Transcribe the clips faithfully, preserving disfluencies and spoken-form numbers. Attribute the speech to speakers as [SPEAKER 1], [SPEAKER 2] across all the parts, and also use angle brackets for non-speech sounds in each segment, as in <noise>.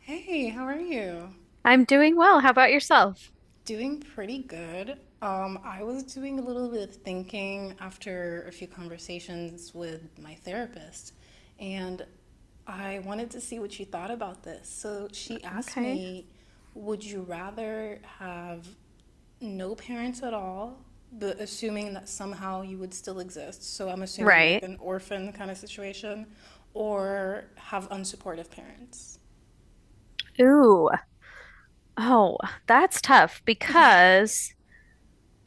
[SPEAKER 1] Hey, how are you?
[SPEAKER 2] I'm doing well. How about yourself?
[SPEAKER 1] Doing pretty good. Um, I was doing a little bit of thinking after a few conversations with my therapist, and I wanted to see what you thought about this. So she asked
[SPEAKER 2] Okay.
[SPEAKER 1] me, would you rather have no parents at all, but assuming that somehow you would still exist? So I'm assuming like
[SPEAKER 2] Right.
[SPEAKER 1] an orphan kind of situation, or have unsupportive parents?
[SPEAKER 2] Ooh. Oh, that's tough
[SPEAKER 1] Yeah.
[SPEAKER 2] because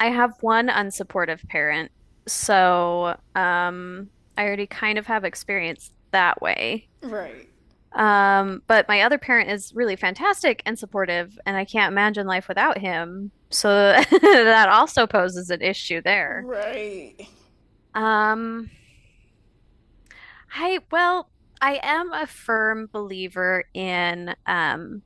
[SPEAKER 2] I have one unsupportive parent. So, um, I already kind of have experience that way.
[SPEAKER 1] <laughs> Right.
[SPEAKER 2] Um, but my other parent is really fantastic and supportive, and I can't imagine life without him. So <laughs> that also poses an issue there.
[SPEAKER 1] Right.
[SPEAKER 2] Um, I, well, I am a firm believer in um,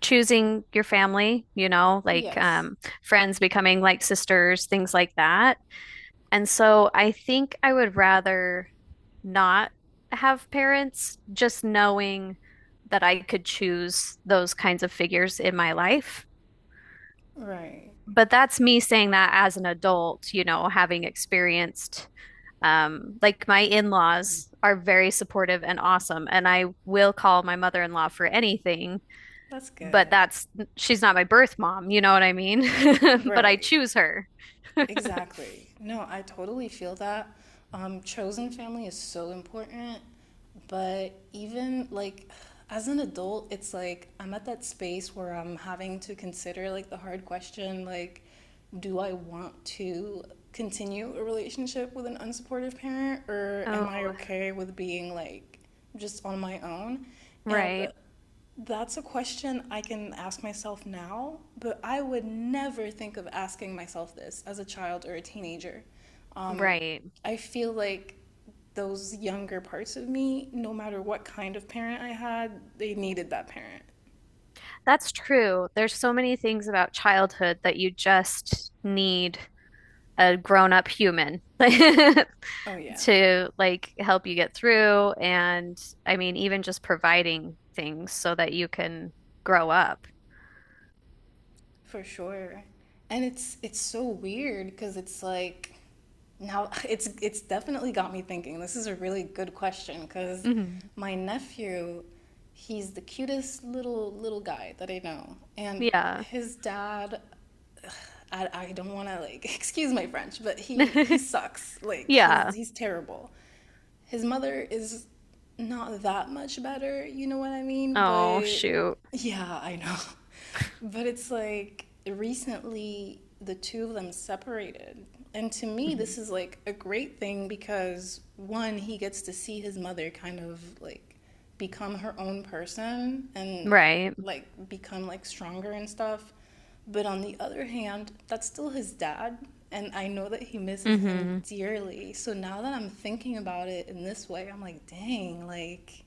[SPEAKER 2] choosing your family, you know, like
[SPEAKER 1] Yes.
[SPEAKER 2] um, friends becoming like sisters, things like that. And so I think I would rather not have parents, just knowing that I could choose those kinds of figures in my life.
[SPEAKER 1] Right.
[SPEAKER 2] But that's me saying that as an adult, you know, having experienced um, like my in-laws are very supportive and awesome, and I will call my mother-in-law for anything,
[SPEAKER 1] That's
[SPEAKER 2] but
[SPEAKER 1] good.
[SPEAKER 2] that's she's not my birth mom, you know what I mean? <laughs> But I
[SPEAKER 1] Right.
[SPEAKER 2] choose her. <laughs>
[SPEAKER 1] Exactly. No, I totally feel that. Um, chosen family is so important, but even like as an adult, it's like I'm at that space where I'm having to consider like the hard question like, do I want to continue a relationship with an unsupportive parent, or am I
[SPEAKER 2] Oh,
[SPEAKER 1] okay with being like just on my own? And
[SPEAKER 2] right,
[SPEAKER 1] that's a question I can ask myself now, but I would never think of asking myself this as a child or a teenager. Um,
[SPEAKER 2] right.
[SPEAKER 1] I feel like those younger parts of me, no matter what kind of parent I had, they needed that parent.
[SPEAKER 2] That's true. There's so many things about childhood that you just need a grown-up human
[SPEAKER 1] Oh,
[SPEAKER 2] <laughs>
[SPEAKER 1] yeah.
[SPEAKER 2] to like help you get through. And I mean, even just providing things so that you can grow up.
[SPEAKER 1] For sure. And it's it's so weird because it's like now, <laughs> it's it's definitely got me thinking. This is a really good question because
[SPEAKER 2] Mhm.
[SPEAKER 1] my nephew, he's the cutest little little guy that I know, and
[SPEAKER 2] Yeah.
[SPEAKER 1] his dad. <sighs> I, I don't want to like <laughs> excuse my French, but he he
[SPEAKER 2] <laughs>
[SPEAKER 1] sucks. Like he's
[SPEAKER 2] Yeah.
[SPEAKER 1] he's terrible. His mother is not that much better, you know what I mean?
[SPEAKER 2] Oh,
[SPEAKER 1] But
[SPEAKER 2] shoot.
[SPEAKER 1] yeah, I know. <laughs> But it's like recently the two of them separated. And to me,
[SPEAKER 2] Mhm.
[SPEAKER 1] this is like a great thing because one, he gets to see his mother kind of like become her own person and
[SPEAKER 2] Right.
[SPEAKER 1] like become like stronger and stuff. But on the other hand, that's still his dad. And I know that he misses him
[SPEAKER 2] hmm
[SPEAKER 1] dearly. So now that I'm thinking about it in this way, I'm like, dang, like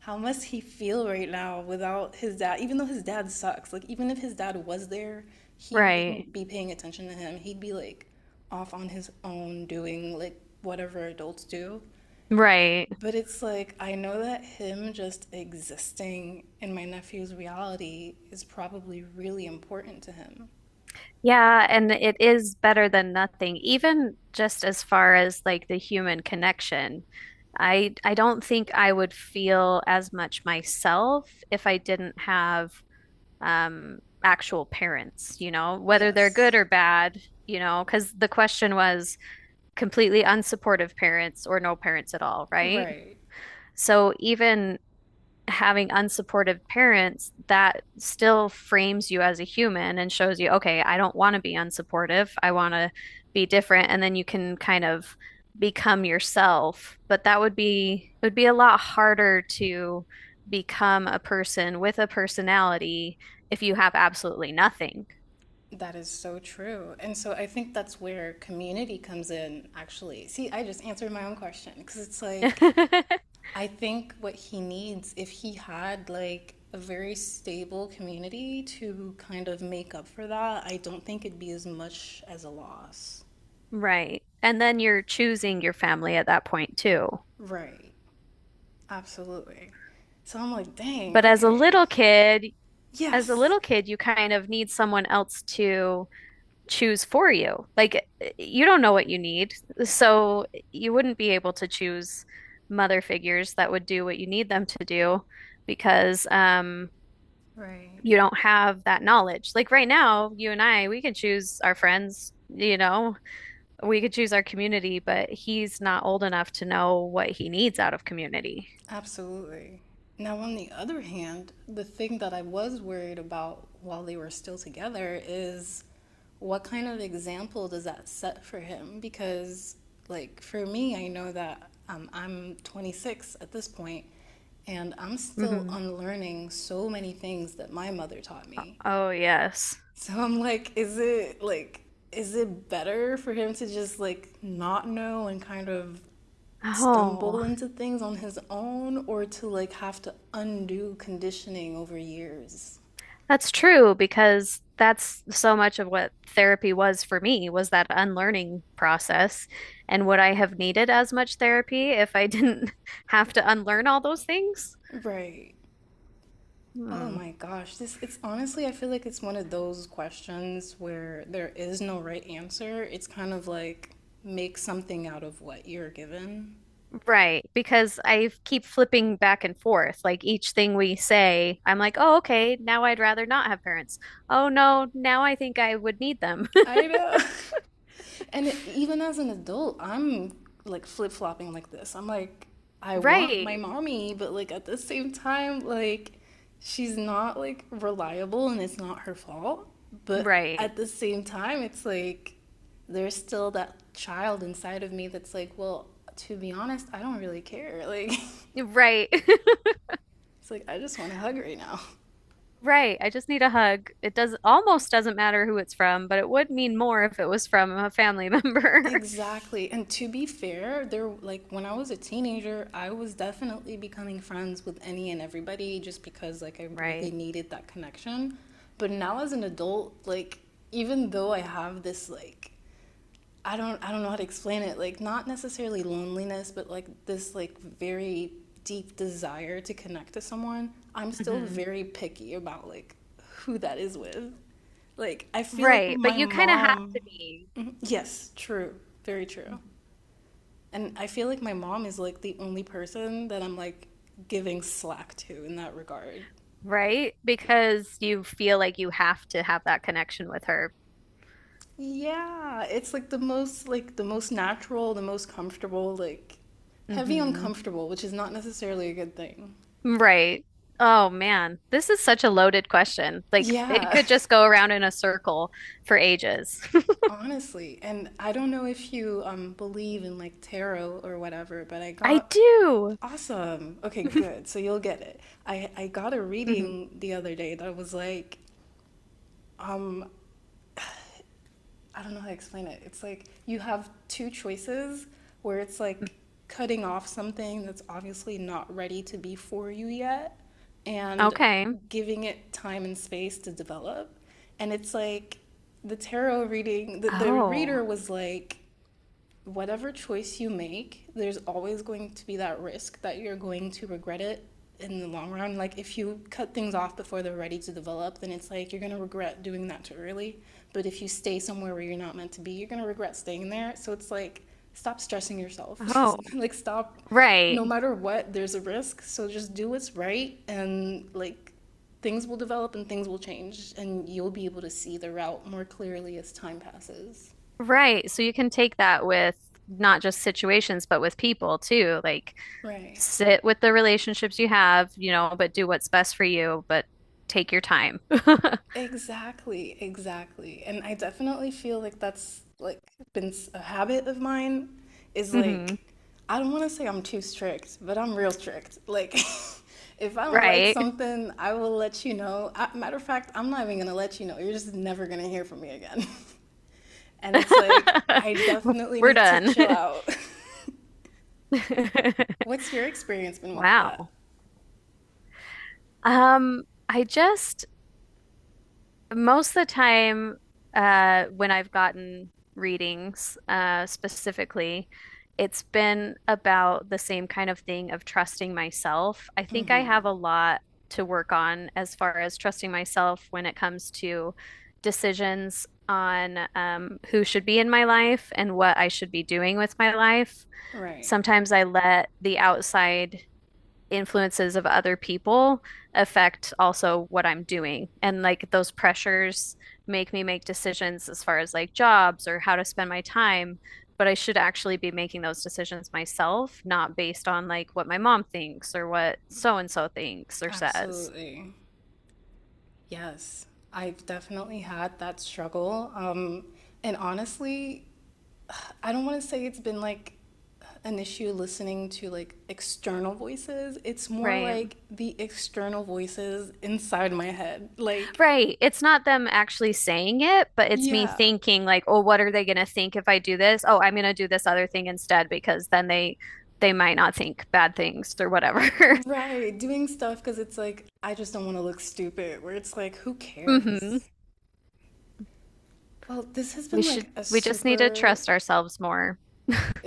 [SPEAKER 1] how must he feel right now without his dad? Even though his dad sucks, like even if his dad was there, he
[SPEAKER 2] Right.
[SPEAKER 1] wouldn't be paying attention to him. He'd be like off on his own doing like whatever adults do.
[SPEAKER 2] Right.
[SPEAKER 1] But it's like I know that him just existing in my nephew's reality is probably really important to him.
[SPEAKER 2] Yeah, and it is better than nothing, even just as far as like the human connection. I I don't think I would feel as much myself if I didn't have um actual parents, you know, whether they're good
[SPEAKER 1] Yes.
[SPEAKER 2] or bad, you know, because the question was completely unsupportive parents or no parents at all, right?
[SPEAKER 1] Right.
[SPEAKER 2] So even having unsupportive parents, that still frames you as a human and shows you, okay, I don't want to be unsupportive. I want to be different. And then you can kind of become yourself. But that would be, it would be a lot harder to become a person with a personality if you have absolutely nothing.
[SPEAKER 1] That is so true. And so I think that's where community comes in, actually. See, I just answered my own question because it's like
[SPEAKER 2] <laughs>
[SPEAKER 1] I think what he needs, if he had like a very stable community to kind of make up for that, I don't think it'd be as much as a loss.
[SPEAKER 2] Right. And then you're choosing your family at that point too.
[SPEAKER 1] Right. Absolutely. So I'm like, dang,
[SPEAKER 2] But as a
[SPEAKER 1] okay.
[SPEAKER 2] little kid, as a
[SPEAKER 1] Yes.
[SPEAKER 2] little kid, you kind of need someone else to choose for you. Like eh, you don't know what you need. So you wouldn't be able to choose mother figures that would do what you need them to do because um
[SPEAKER 1] Right.
[SPEAKER 2] you don't have that knowledge. Like right now, you and I, we can choose our friends, you know, we could choose our community, but he's not old enough to know what he needs out of community.
[SPEAKER 1] Absolutely. Now, on the other hand, the thing that I was worried about while they were still together is what kind of example does that set for him? Because, like, for me, I know that um, I'm twenty-six at this point, and I'm still
[SPEAKER 2] hmm
[SPEAKER 1] unlearning so many things that my mother taught me.
[SPEAKER 2] Oh, yes.
[SPEAKER 1] So I'm like, is it like is it better for him to just like not know and kind of
[SPEAKER 2] Oh,
[SPEAKER 1] stumble into things on his own, or to like have to undo conditioning over years?
[SPEAKER 2] that's true because that's so much of what therapy was for me was that unlearning process. And would I have needed as much therapy if I didn't <laughs> have to unlearn all those things?
[SPEAKER 1] Right. Oh
[SPEAKER 2] Hmm.
[SPEAKER 1] my gosh, this it's honestly I feel like it's one of those questions where there is no right answer. It's kind of like make something out of what you're given.
[SPEAKER 2] Right, because I keep flipping back and forth. Like each thing we say, I'm like, oh, okay, now I'd rather not have parents. Oh, no, now I think I would need them. <laughs>
[SPEAKER 1] I know. <laughs> And even as an adult, I'm like flip-flopping like this. I'm like, I want my
[SPEAKER 2] Right,
[SPEAKER 1] mommy, but like at the same time, like she's not like reliable and it's not her fault. But
[SPEAKER 2] right,
[SPEAKER 1] at the same time, it's like there's still that child inside of me that's like, well, to be honest, I don't really care. Like,
[SPEAKER 2] right. <laughs>
[SPEAKER 1] <laughs> it's like I just want to hug right now.
[SPEAKER 2] Right. I just need a hug. It does almost doesn't matter who it's from, but it would mean more if it was from a family <laughs> member.
[SPEAKER 1] Exactly. And to be fair, there like when I was a teenager, I was definitely becoming friends with any and everybody just because like I really
[SPEAKER 2] Right.
[SPEAKER 1] needed that connection. But now as an adult, like even though I have this like I don't I don't know how to explain it. Like not necessarily loneliness, but like this like very deep desire to connect to someone. I'm still
[SPEAKER 2] hmm
[SPEAKER 1] very picky about like who that is with. Like I feel like
[SPEAKER 2] Right. But
[SPEAKER 1] my
[SPEAKER 2] you kind of have
[SPEAKER 1] mom.
[SPEAKER 2] to be,
[SPEAKER 1] Mhm. Yes, true. Very true. And I feel like my mom is like the only person that I'm like giving slack to in that regard.
[SPEAKER 2] right? Because you feel like you have to have that connection with her.
[SPEAKER 1] Yeah, it's like the most like the most natural, the most comfortable, like heavy
[SPEAKER 2] hmm
[SPEAKER 1] uncomfortable, which is not necessarily a good thing.
[SPEAKER 2] Right. Oh man, this is such a loaded question. Like it
[SPEAKER 1] Yeah,
[SPEAKER 2] could just go around in a circle for ages.
[SPEAKER 1] <laughs> honestly. And I don't know if you um believe in like tarot or whatever, but I
[SPEAKER 2] <laughs> I
[SPEAKER 1] got
[SPEAKER 2] do.
[SPEAKER 1] awesome. Okay,
[SPEAKER 2] <laughs>
[SPEAKER 1] good. So you'll get it. I I got a
[SPEAKER 2] Mhm.
[SPEAKER 1] reading the other day that was like um, I don't know how to explain it. It's like you have two choices where it's like cutting off something that's obviously not ready to be for you yet and
[SPEAKER 2] Okay.
[SPEAKER 1] giving it time and space to develop. And it's like the tarot reading, the, the
[SPEAKER 2] Oh.
[SPEAKER 1] reader was like, whatever choice you make, there's always going to be that risk that you're going to regret it in the long run. Like if you cut things off before they're ready to develop, then it's like you're going to regret doing that too early. But if you stay somewhere where you're not meant to be, you're going to regret staying there. So it's like stop stressing yourself.
[SPEAKER 2] Oh.
[SPEAKER 1] <laughs> Like stop no
[SPEAKER 2] Right.
[SPEAKER 1] matter what, there's a risk. So just do what's right and like things will develop and things will change and you'll be able to see the route more clearly as time passes.
[SPEAKER 2] Right. So you can take that with not just situations, but with people too. Like
[SPEAKER 1] Right.
[SPEAKER 2] sit with the relationships you have, you know, but do what's best for you, but take your time.
[SPEAKER 1] Exactly, exactly. And I definitely feel like that's like been s- a habit of mine is
[SPEAKER 2] <laughs>
[SPEAKER 1] like
[SPEAKER 2] hmm
[SPEAKER 1] I don't want to say I'm too strict, but I'm real strict. Like <laughs> if I don't like
[SPEAKER 2] Right.
[SPEAKER 1] something, I will let you know. I, matter of fact, I'm not even going to let you know. You're just never going to hear from me again. <laughs> And it's like I
[SPEAKER 2] <laughs>
[SPEAKER 1] definitely
[SPEAKER 2] We're
[SPEAKER 1] need to
[SPEAKER 2] done.
[SPEAKER 1] chill out. <laughs>
[SPEAKER 2] <laughs>
[SPEAKER 1] What's your experience been with that?
[SPEAKER 2] Wow. Um, I just Most of the time, uh, when I've gotten readings, uh, specifically, it's been about the same kind of thing of trusting myself. I think I have
[SPEAKER 1] Hmm.
[SPEAKER 2] a lot to work on as far as trusting myself when it comes to decisions on um, who should be in my life and what I should be doing with my life.
[SPEAKER 1] Right.
[SPEAKER 2] Sometimes I let the outside influences of other people affect also what I'm doing. And like those pressures make me make decisions as far as like jobs or how to spend my time. But I should actually be making those decisions myself, not based on like what my mom thinks or what so and so thinks or says.
[SPEAKER 1] Absolutely. Yes, I've definitely had that struggle. Um, and honestly, I don't want to say it's been like an issue listening to like external voices. It's more
[SPEAKER 2] Right.
[SPEAKER 1] like the external voices inside my head. Like,
[SPEAKER 2] Right. It's not them actually saying it, but it's me
[SPEAKER 1] yeah,
[SPEAKER 2] thinking like, oh, what are they going to think if I do this? Oh, I'm going to do this other thing instead because then they they might not think bad things or whatever.
[SPEAKER 1] right, doing stuff because it's like, I just don't want to look stupid, where it's like, who
[SPEAKER 2] <laughs> hmm
[SPEAKER 1] cares? Well, this has
[SPEAKER 2] We
[SPEAKER 1] been
[SPEAKER 2] should
[SPEAKER 1] like a
[SPEAKER 2] we just need to
[SPEAKER 1] super
[SPEAKER 2] trust ourselves more.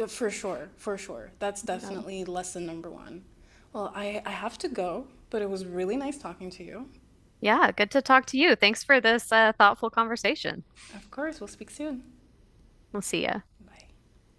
[SPEAKER 1] Uh, for sure, for sure. That's
[SPEAKER 2] Yeah.
[SPEAKER 1] definitely lesson number one. Well, I, I have to go, but it was really nice talking to you.
[SPEAKER 2] Yeah, good to talk to you. Thanks for this uh, thoughtful conversation.
[SPEAKER 1] Of course, we'll speak soon.
[SPEAKER 2] We'll see ya.
[SPEAKER 1] Bye.